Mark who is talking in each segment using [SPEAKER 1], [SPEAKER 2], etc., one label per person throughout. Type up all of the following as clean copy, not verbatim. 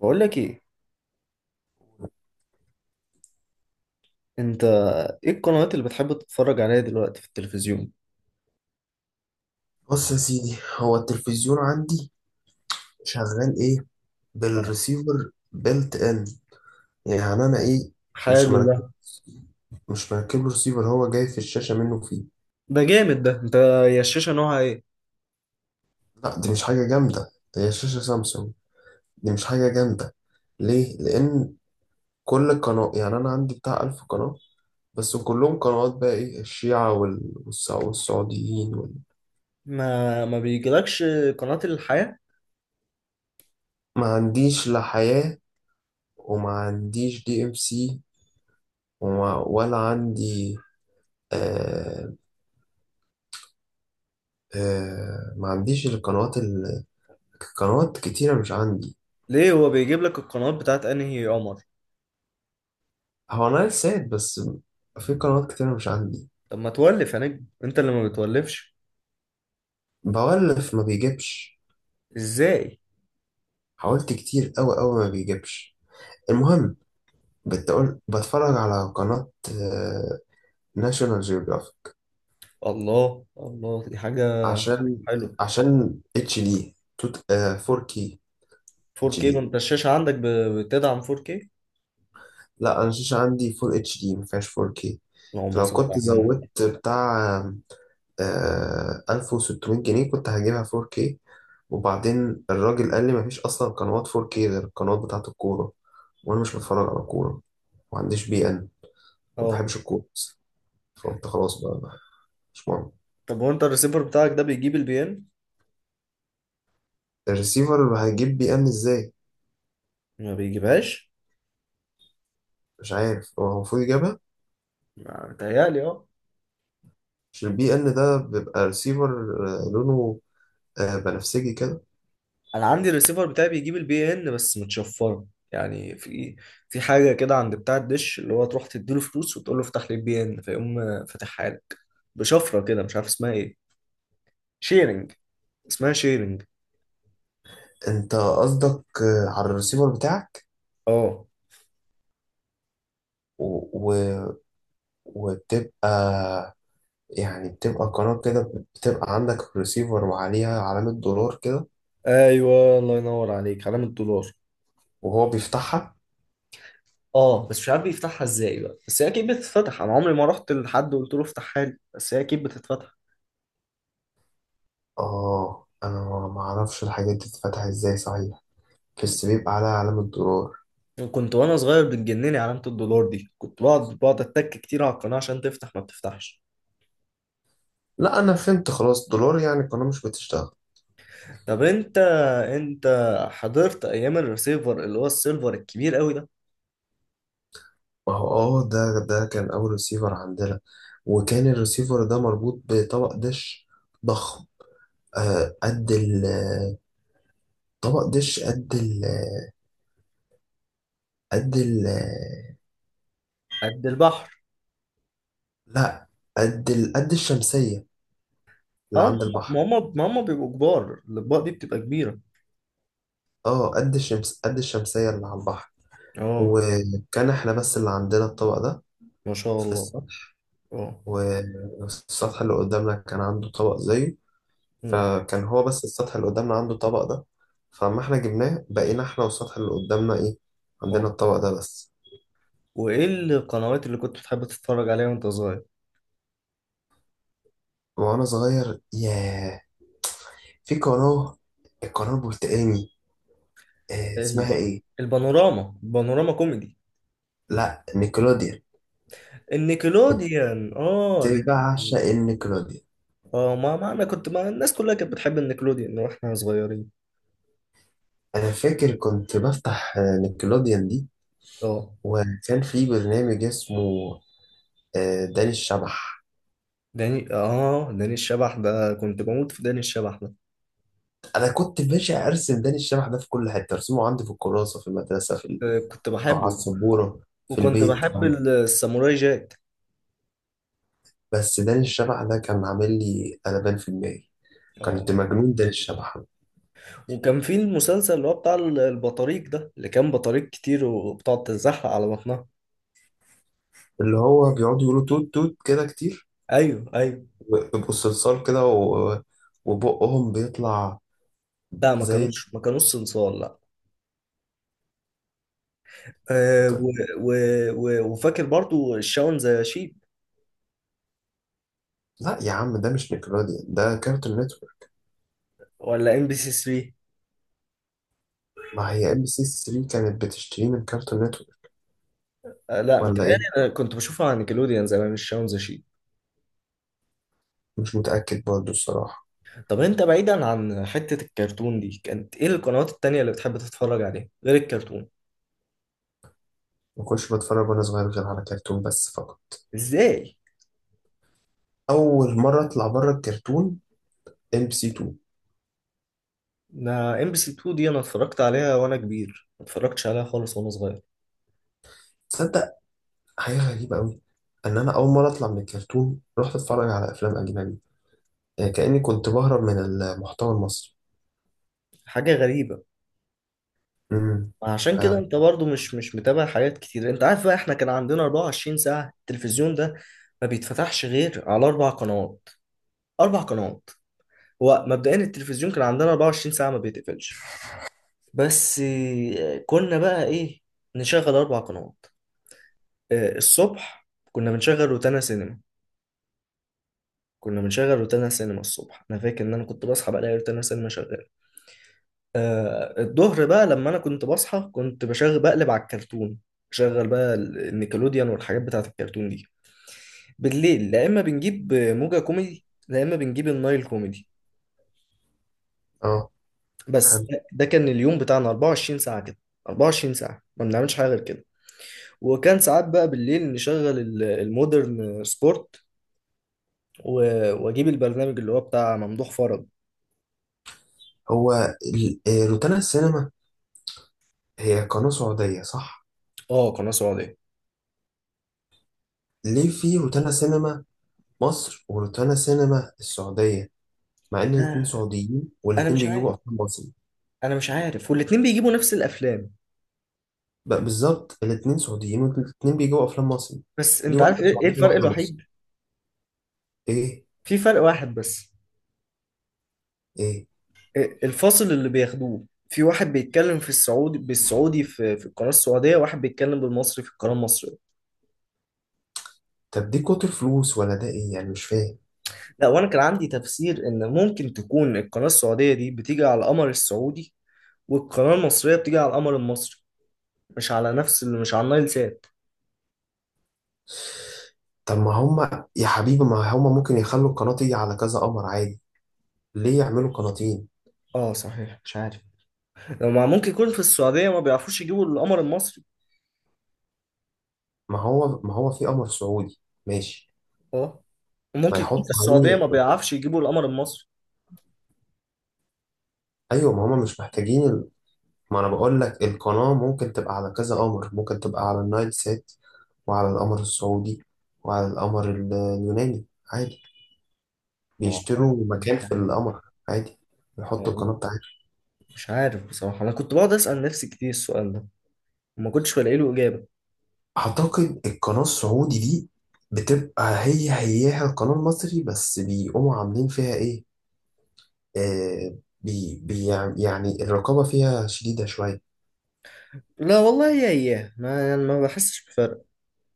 [SPEAKER 1] بقول لك ايه، انت؟ ايه القنوات اللي بتحب تتفرج عليها دلوقتي في التلفزيون؟
[SPEAKER 2] بص يا سيدي، هو التلفزيون عندي شغال ايه؟
[SPEAKER 1] اه.
[SPEAKER 2] بالريسيفر بيلت ان. يعني انا ايه؟ مش
[SPEAKER 1] حلو ده.
[SPEAKER 2] مركز مش مركب له ريسيفر، هو جاي في الشاشه منه فيه.
[SPEAKER 1] ده جامد ده. انت، يا، الشاشة نوعها ايه؟
[SPEAKER 2] لا دي مش حاجه جامده، دي هي شاشه سامسونج. دي مش حاجه جامده. ليه؟ لان كل قناه، يعني انا عندي بتاع 1000 قناه، بس كلهم قنوات، بقى ايه، الشيعة والسعوديين
[SPEAKER 1] ما بيجيلكش قناة الحياة؟
[SPEAKER 2] ما عنديش لا حياة، وما عنديش دي ام سي، ولا عندي. آه، آه، ما عنديش القنوات قنوات كتيرة مش عندي.
[SPEAKER 1] ليه، هو بيجيب لك القنوات بتاعت انهي قمر؟
[SPEAKER 2] هو أنا ساد بس، في قنوات كتيرة مش عندي.
[SPEAKER 1] طب ما تولف يا نجم، انت اللي ما بتولفش.
[SPEAKER 2] بولف ما بيجيبش.
[SPEAKER 1] ازاي؟
[SPEAKER 2] حاولت كتير أوي أوي ما بيجيبش. المهم، بتقول بتفرج على قناة ناشونال جيوغرافيك.
[SPEAKER 1] الله الله، دي حاجة
[SPEAKER 2] عشان
[SPEAKER 1] حلوة.
[SPEAKER 2] عشان اتش دي، 4K. اتش
[SPEAKER 1] 4K؟
[SPEAKER 2] دي.
[SPEAKER 1] وانت الشاشة عندك بتدعم 4K؟
[SPEAKER 2] لا انا الشاشه عندي فول اتش دي، ما فيهاش 4K.
[SPEAKER 1] اللهم
[SPEAKER 2] فلو
[SPEAKER 1] صل
[SPEAKER 2] كنت
[SPEAKER 1] على النبي.
[SPEAKER 2] زودت بتاع 1600 جنيه كنت هجيبها 4K. وبعدين الراجل قال لي مفيش اصلا قنوات 4K غير القنوات بتاعه الكوره، وانا مش بتفرج على كوره. ما عنديش بي ان، ما
[SPEAKER 1] اه.
[SPEAKER 2] بحبش الكوره أصلاً. فقلت خلاص بقى، مش مهم.
[SPEAKER 1] طب وانت الريسيفر بتاعك ده بيجيب البيان؟
[SPEAKER 2] الريسيفر هيجيب بي ان ازاي؟
[SPEAKER 1] ما بيجيبهاش.
[SPEAKER 2] مش عارف، هو المفروض يجيبها.
[SPEAKER 1] متهيألي اه.
[SPEAKER 2] مش البي ان ده بيبقى ريسيفر؟ لونه بنفسجي كده.
[SPEAKER 1] انا عندي الريسيفر بتاعي بيجيب البي ان بس متشفره، يعني في حاجه كده عند بتاع الدش، اللي هو تروح تديله فلوس وتقول له افتح لي البي ان، فيقوم فاتحها لك بشفره كده مش عارف اسمها ايه. شيرنج، اسمها شيرنج.
[SPEAKER 2] انت قصدك على الريسيفر بتاعك
[SPEAKER 1] اه،
[SPEAKER 2] و... و... وبتبقى، يعني بتبقى قناة كده، بتبقى عندك ريسيفر وعليها علامة دولار كده،
[SPEAKER 1] ايوه، الله ينور عليك، علامة دولار.
[SPEAKER 2] وهو بيفتحها.
[SPEAKER 1] اه بس مش عارف بيفتحها ازاي بقى، بس هي اكيد بتتفتح. انا عمري ما رحت لحد وقلت له افتحها لي، بس هي اكيد بتتفتح.
[SPEAKER 2] اه، انا ما اعرفش الحاجات دي بتتفتح ازاي صحيح، بس بيبقى عليها علامة دولار.
[SPEAKER 1] كنت وانا صغير بتجنني علامه الدولار دي، كنت بقعد اتك كتير على القناه عشان تفتح ما بتفتحش.
[SPEAKER 2] لا انا فهمت خلاص، دولار يعني القناة مش بتشتغل.
[SPEAKER 1] طب انت، انت حضرت ايام الريسيفر اللي هو السيلفر الكبير قوي ده؟
[SPEAKER 2] ما هو، اه ده كان اول ريسيفر عندنا. وكان الريسيفر ده مربوط بطبق دش ضخم. آه قد ال، طبق دش قد ال، قد ال.
[SPEAKER 1] قد البحر.
[SPEAKER 2] لا، قد قد الشمسية اللي
[SPEAKER 1] اه،
[SPEAKER 2] عند
[SPEAKER 1] ما
[SPEAKER 2] البحر.
[SPEAKER 1] هم ما هم بيبقوا كبار، الاطباق دي بتبقى كبيره.
[SPEAKER 2] اه قد الشمس، قد الشمسية اللي على البحر.
[SPEAKER 1] اه،
[SPEAKER 2] وكان احنا بس اللي عندنا الطبق ده
[SPEAKER 1] ما شاء
[SPEAKER 2] في
[SPEAKER 1] الله.
[SPEAKER 2] السطح،
[SPEAKER 1] اه.
[SPEAKER 2] والسطح اللي قدامنا كان عنده طبق زيه.
[SPEAKER 1] مم.
[SPEAKER 2] فكان هو بس السطح اللي قدامنا عنده الطبق ده. فاما احنا جبناه، بقينا احنا والسطح اللي قدامنا ايه، عندنا
[SPEAKER 1] اه.
[SPEAKER 2] الطبق ده بس.
[SPEAKER 1] وايه القنوات اللي كنت بتحب تتفرج عليها وانت صغير؟
[SPEAKER 2] وانا صغير، ياه، في قناة، القناة البرتقاني، اسمها
[SPEAKER 1] الب...
[SPEAKER 2] ايه،
[SPEAKER 1] البانوراما كوميدي.
[SPEAKER 2] لا، نيكلوديان.
[SPEAKER 1] النيكلوديان، اه دي.
[SPEAKER 2] بعشق النيكلوديان.
[SPEAKER 1] اه، ما انا كنت، ما الناس كلها كانت بتحب النيكلوديان واحنا صغيرين.
[SPEAKER 2] انا فاكر كنت بفتح نيكلوديان دي.
[SPEAKER 1] اه،
[SPEAKER 2] وكان في برنامج اسمه داني الشبح.
[SPEAKER 1] داني الشبح ده كنت بموت في داني الشبح ده.
[SPEAKER 2] انا كنت باشا ارسم داني الشبح ده في كل حته، ارسمه عندي في الكراسه، في المدرسه، في
[SPEAKER 1] آه، كنت
[SPEAKER 2] أو على
[SPEAKER 1] بحبه.
[SPEAKER 2] السبوره، في
[SPEAKER 1] وكنت
[SPEAKER 2] البيت.
[SPEAKER 1] بحب الساموراي جاك.
[SPEAKER 2] بس داني الشبح ده كان عامل لي قلبان في دماغي.
[SPEAKER 1] اه،
[SPEAKER 2] كنت مجنون داني الشبح ده.
[SPEAKER 1] وكان في المسلسل اللي هو بتاع البطاريق ده، اللي كان بطاريق كتير وبتقعد تتزحلق على بطنها.
[SPEAKER 2] اللي هو بيقعدوا يقولوا توت توت كده كتير،
[SPEAKER 1] ايوه، ايوه.
[SPEAKER 2] ويبقوا صلصال كده وبقهم بيطلع
[SPEAKER 1] لا، ما
[SPEAKER 2] زي.
[SPEAKER 1] كانوش ما كانوش صنصال، لا. و و و وفاكر برضو الشاون ذا شيب.
[SPEAKER 2] لا يا عم، ده مش نيكلوديان، ده كارتون نتورك.
[SPEAKER 1] ولا ام بي سي 3.
[SPEAKER 2] ما هي ام بي سي 3 كانت بتشتريه من كارتون نتورك.
[SPEAKER 1] لا،
[SPEAKER 2] ولا
[SPEAKER 1] متهيألي
[SPEAKER 2] ايه،
[SPEAKER 1] انا كنت بشوفها على نيكلوديان زمان الشاون ذا شيب.
[SPEAKER 2] مش متأكد برضه الصراحة.
[SPEAKER 1] طب انت بعيدا عن حتة الكرتون دي، كانت ايه القنوات التانية اللي بتحب تتفرج عليها غير الكرتون؟
[SPEAKER 2] ما كنتش بتفرج وانا صغير غير على كرتون بس فقط.
[SPEAKER 1] ازاي؟
[SPEAKER 2] اول مرة اطلع بره الكرتون، ام بي سي 2.
[SPEAKER 1] انا ام بي سي 2 دي انا اتفرجت عليها وانا كبير، ما اتفرجتش عليها خالص وانا صغير.
[SPEAKER 2] تصدق، حاجة غريبة قوي، ان انا اول مرة اطلع من الكرتون رحت اتفرج على افلام اجنبي، يعني كأني كنت بهرب من المحتوى المصري.
[SPEAKER 1] حاجه غريبه.
[SPEAKER 2] امم
[SPEAKER 1] عشان كده
[SPEAKER 2] فعلا.
[SPEAKER 1] انت برضو مش متابع حاجات كتير. انت عارف بقى، احنا كان عندنا 24 ساعه التلفزيون ده ما بيتفتحش غير على اربع قنوات. اربع قنوات. هو مبدئيا التلفزيون كان عندنا 24 ساعه ما بيتقفلش، بس كنا بقى ايه، نشغل اربع قنوات. الصبح كنا بنشغل روتانا سينما. كنا بنشغل روتانا سينما الصبح، انا فاكر ان انا كنت بصحى بلاقي روتانا سينما شغال. الظهر بقى لما انا كنت بصحى كنت بشغل، بقلب على الكرتون. شغل بقى النيكلوديان والحاجات بتاعت الكرتون دي. بالليل لا، اما بنجيب موجة كوميدي لا اما بنجيب النايل كوميدي.
[SPEAKER 2] اه،
[SPEAKER 1] بس
[SPEAKER 2] حلو.
[SPEAKER 1] ده كان اليوم بتاعنا 24 ساعة كده. 24 ساعة ما بنعملش حاجة غير كده. وكان ساعات بقى بالليل نشغل المودرن سبورت، واجيب البرنامج اللي هو بتاع ممدوح فرج.
[SPEAKER 2] هو روتانا السينما، هي قناة سعودية صح؟
[SPEAKER 1] اه، قناة سعودية.
[SPEAKER 2] ليه في روتانا سينما مصر وروتانا سينما السعودية؟ مع إن الاتنين
[SPEAKER 1] آه،
[SPEAKER 2] سعوديين
[SPEAKER 1] انا
[SPEAKER 2] والاتنين
[SPEAKER 1] مش
[SPEAKER 2] بيجيبوا
[SPEAKER 1] عارف.
[SPEAKER 2] أفلام مصري.
[SPEAKER 1] انا مش عارف، والاتنين بيجيبوا نفس الافلام.
[SPEAKER 2] بقى بالظبط، الاتنين سعوديين والاتنين بيجيبوا أفلام مصري.
[SPEAKER 1] بس
[SPEAKER 2] ليه
[SPEAKER 1] انت عارف
[SPEAKER 2] واحدة
[SPEAKER 1] إيه
[SPEAKER 2] سعودية
[SPEAKER 1] الفرق
[SPEAKER 2] وواحدة مصري؟
[SPEAKER 1] الوحيد؟
[SPEAKER 2] إيه؟
[SPEAKER 1] في فرق واحد بس.
[SPEAKER 2] إيه؟
[SPEAKER 1] الفاصل اللي بياخدوه. في واحد بيتكلم في السعودي بالسعودي في القناة السعودية، واحد بيتكلم بالمصري في القناة المصرية.
[SPEAKER 2] طب دي كتر فلوس ولا ده إيه يعني، مش فاهم.
[SPEAKER 1] لا، وانا كان عندي تفسير ان ممكن تكون القناة السعودية دي بتيجي على القمر السعودي، والقناة المصرية بتيجي على القمر المصري، مش على نفس اللي، مش على النايل سات.
[SPEAKER 2] طب ما هما يا حبيبي، ما هما ممكن يخلوا القناة تيجي على كذا قمر عادي. ليه يعملوا قناتين؟
[SPEAKER 1] اه صحيح، مش عارف. ما ممكن يكون في السعودية ما بيعرفوش يجيبوا القمر المصري.
[SPEAKER 2] ما هو في قمر سعودي. ماشي.
[SPEAKER 1] اه.
[SPEAKER 2] ما
[SPEAKER 1] وممكن يكون في
[SPEAKER 2] يحطوا
[SPEAKER 1] السعودية ما
[SPEAKER 2] عليه.
[SPEAKER 1] بيعرفش يجيبوا القمر المصري.
[SPEAKER 2] ايوه، ما هما مش محتاجين ما انا بقول لك القناة ممكن تبقى على كذا قمر، ممكن تبقى على النايل سات، وعلى القمر السعودي، وعلى القمر اليوناني، عادي،
[SPEAKER 1] والله
[SPEAKER 2] بيشتروا
[SPEAKER 1] مش
[SPEAKER 2] مكان في
[SPEAKER 1] عارف.
[SPEAKER 2] القمر، عادي، بيحطوا القناة بتاعتهم.
[SPEAKER 1] مش عارف بصراحة، أنا كنت بقعد أسأل نفسي كتير السؤال ده، وما كنتش بلاقي له إجابة.
[SPEAKER 2] أعتقد القناة السعودي دي بتبقى هي هياها القناة المصري، بس بيقوموا عاملين فيها إيه، آه بي بي، يعني يعني الرقابة فيها شديدة شوية.
[SPEAKER 1] لا والله يا إياه، ما يعني، ما بحسش بفرق.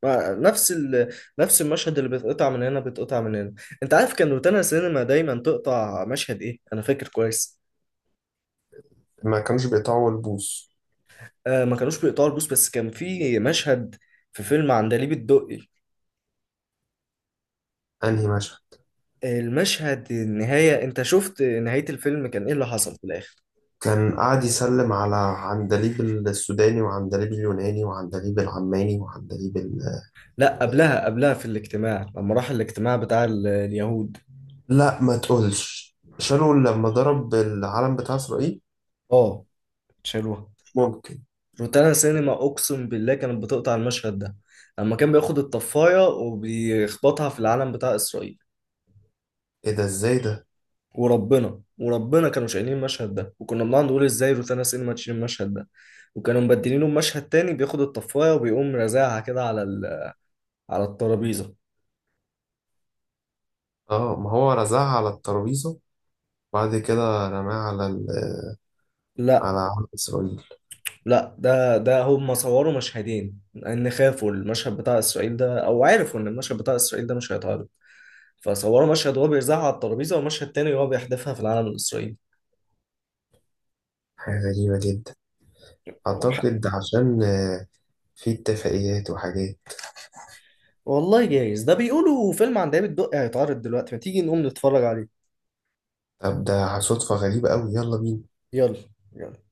[SPEAKER 1] ما نفس نفس المشهد اللي بيتقطع من هنا بيتقطع من هنا. أنت عارف كان روتانا سينما دايما تقطع مشهد إيه؟ أنا فاكر كويس.
[SPEAKER 2] ما كانوش بيقطعوا البوص.
[SPEAKER 1] ما كانوش بيقطعوا البوس، بس كان في مشهد في فيلم عندليب الدقي.
[SPEAKER 2] أنهي مشهد؟
[SPEAKER 1] المشهد النهاية، أنت شفت نهاية الفيلم كان إيه اللي حصل في الآخر؟
[SPEAKER 2] كان قاعد يسلم على عندليب السوداني، وعندليب اليوناني، وعندليب العماني، وعندليب
[SPEAKER 1] لا، قبلها، قبلها في الاجتماع لما راح الاجتماع بتاع اليهود.
[SPEAKER 2] لا ما تقولش، شالوا لما ضرب العلم بتاع إسرائيل.
[SPEAKER 1] اه، شالوها.
[SPEAKER 2] ممكن.
[SPEAKER 1] روتانا سينما اقسم بالله كانت بتقطع المشهد ده، لما كان بياخد الطفايه وبيخبطها في العلم بتاع اسرائيل.
[SPEAKER 2] إيه ده، إزاي ده؟
[SPEAKER 1] وربنا وربنا كانوا شايلين المشهد ده، وكنا بنقعد نقول ازاي روتانا سينما تشيل المشهد ده. وكانوا مبدلينه بمشهد تاني، بياخد الطفايه وبيقوم رازعها كده على الترابيزه.
[SPEAKER 2] آه ما هو رزعها على الترابيزة وبعد كده رماها على
[SPEAKER 1] لا،
[SPEAKER 2] على علم إسرائيل.
[SPEAKER 1] لا ده هم صوروا مشهدين، ان خافوا المشهد بتاع اسرائيل ده، او عرفوا ان المشهد بتاع اسرائيل ده مش هيتعرض، فصوروا مشهد وهو بيرزعها على الترابيزه، ومشهد تاني وهو بيحدفها في العلم الاسرائيلي.
[SPEAKER 2] حاجة غريبة جدا. أعتقد عشان في اتفاقيات وحاجات.
[SPEAKER 1] والله جايز، ده بيقولوا فيلم عن دايما الدقي هيتعرض دلوقتي، ما تيجي نقوم نتفرج عليه.
[SPEAKER 2] طب ده صدفة غريبة أوي، يلا بينا.
[SPEAKER 1] يلا. يلا.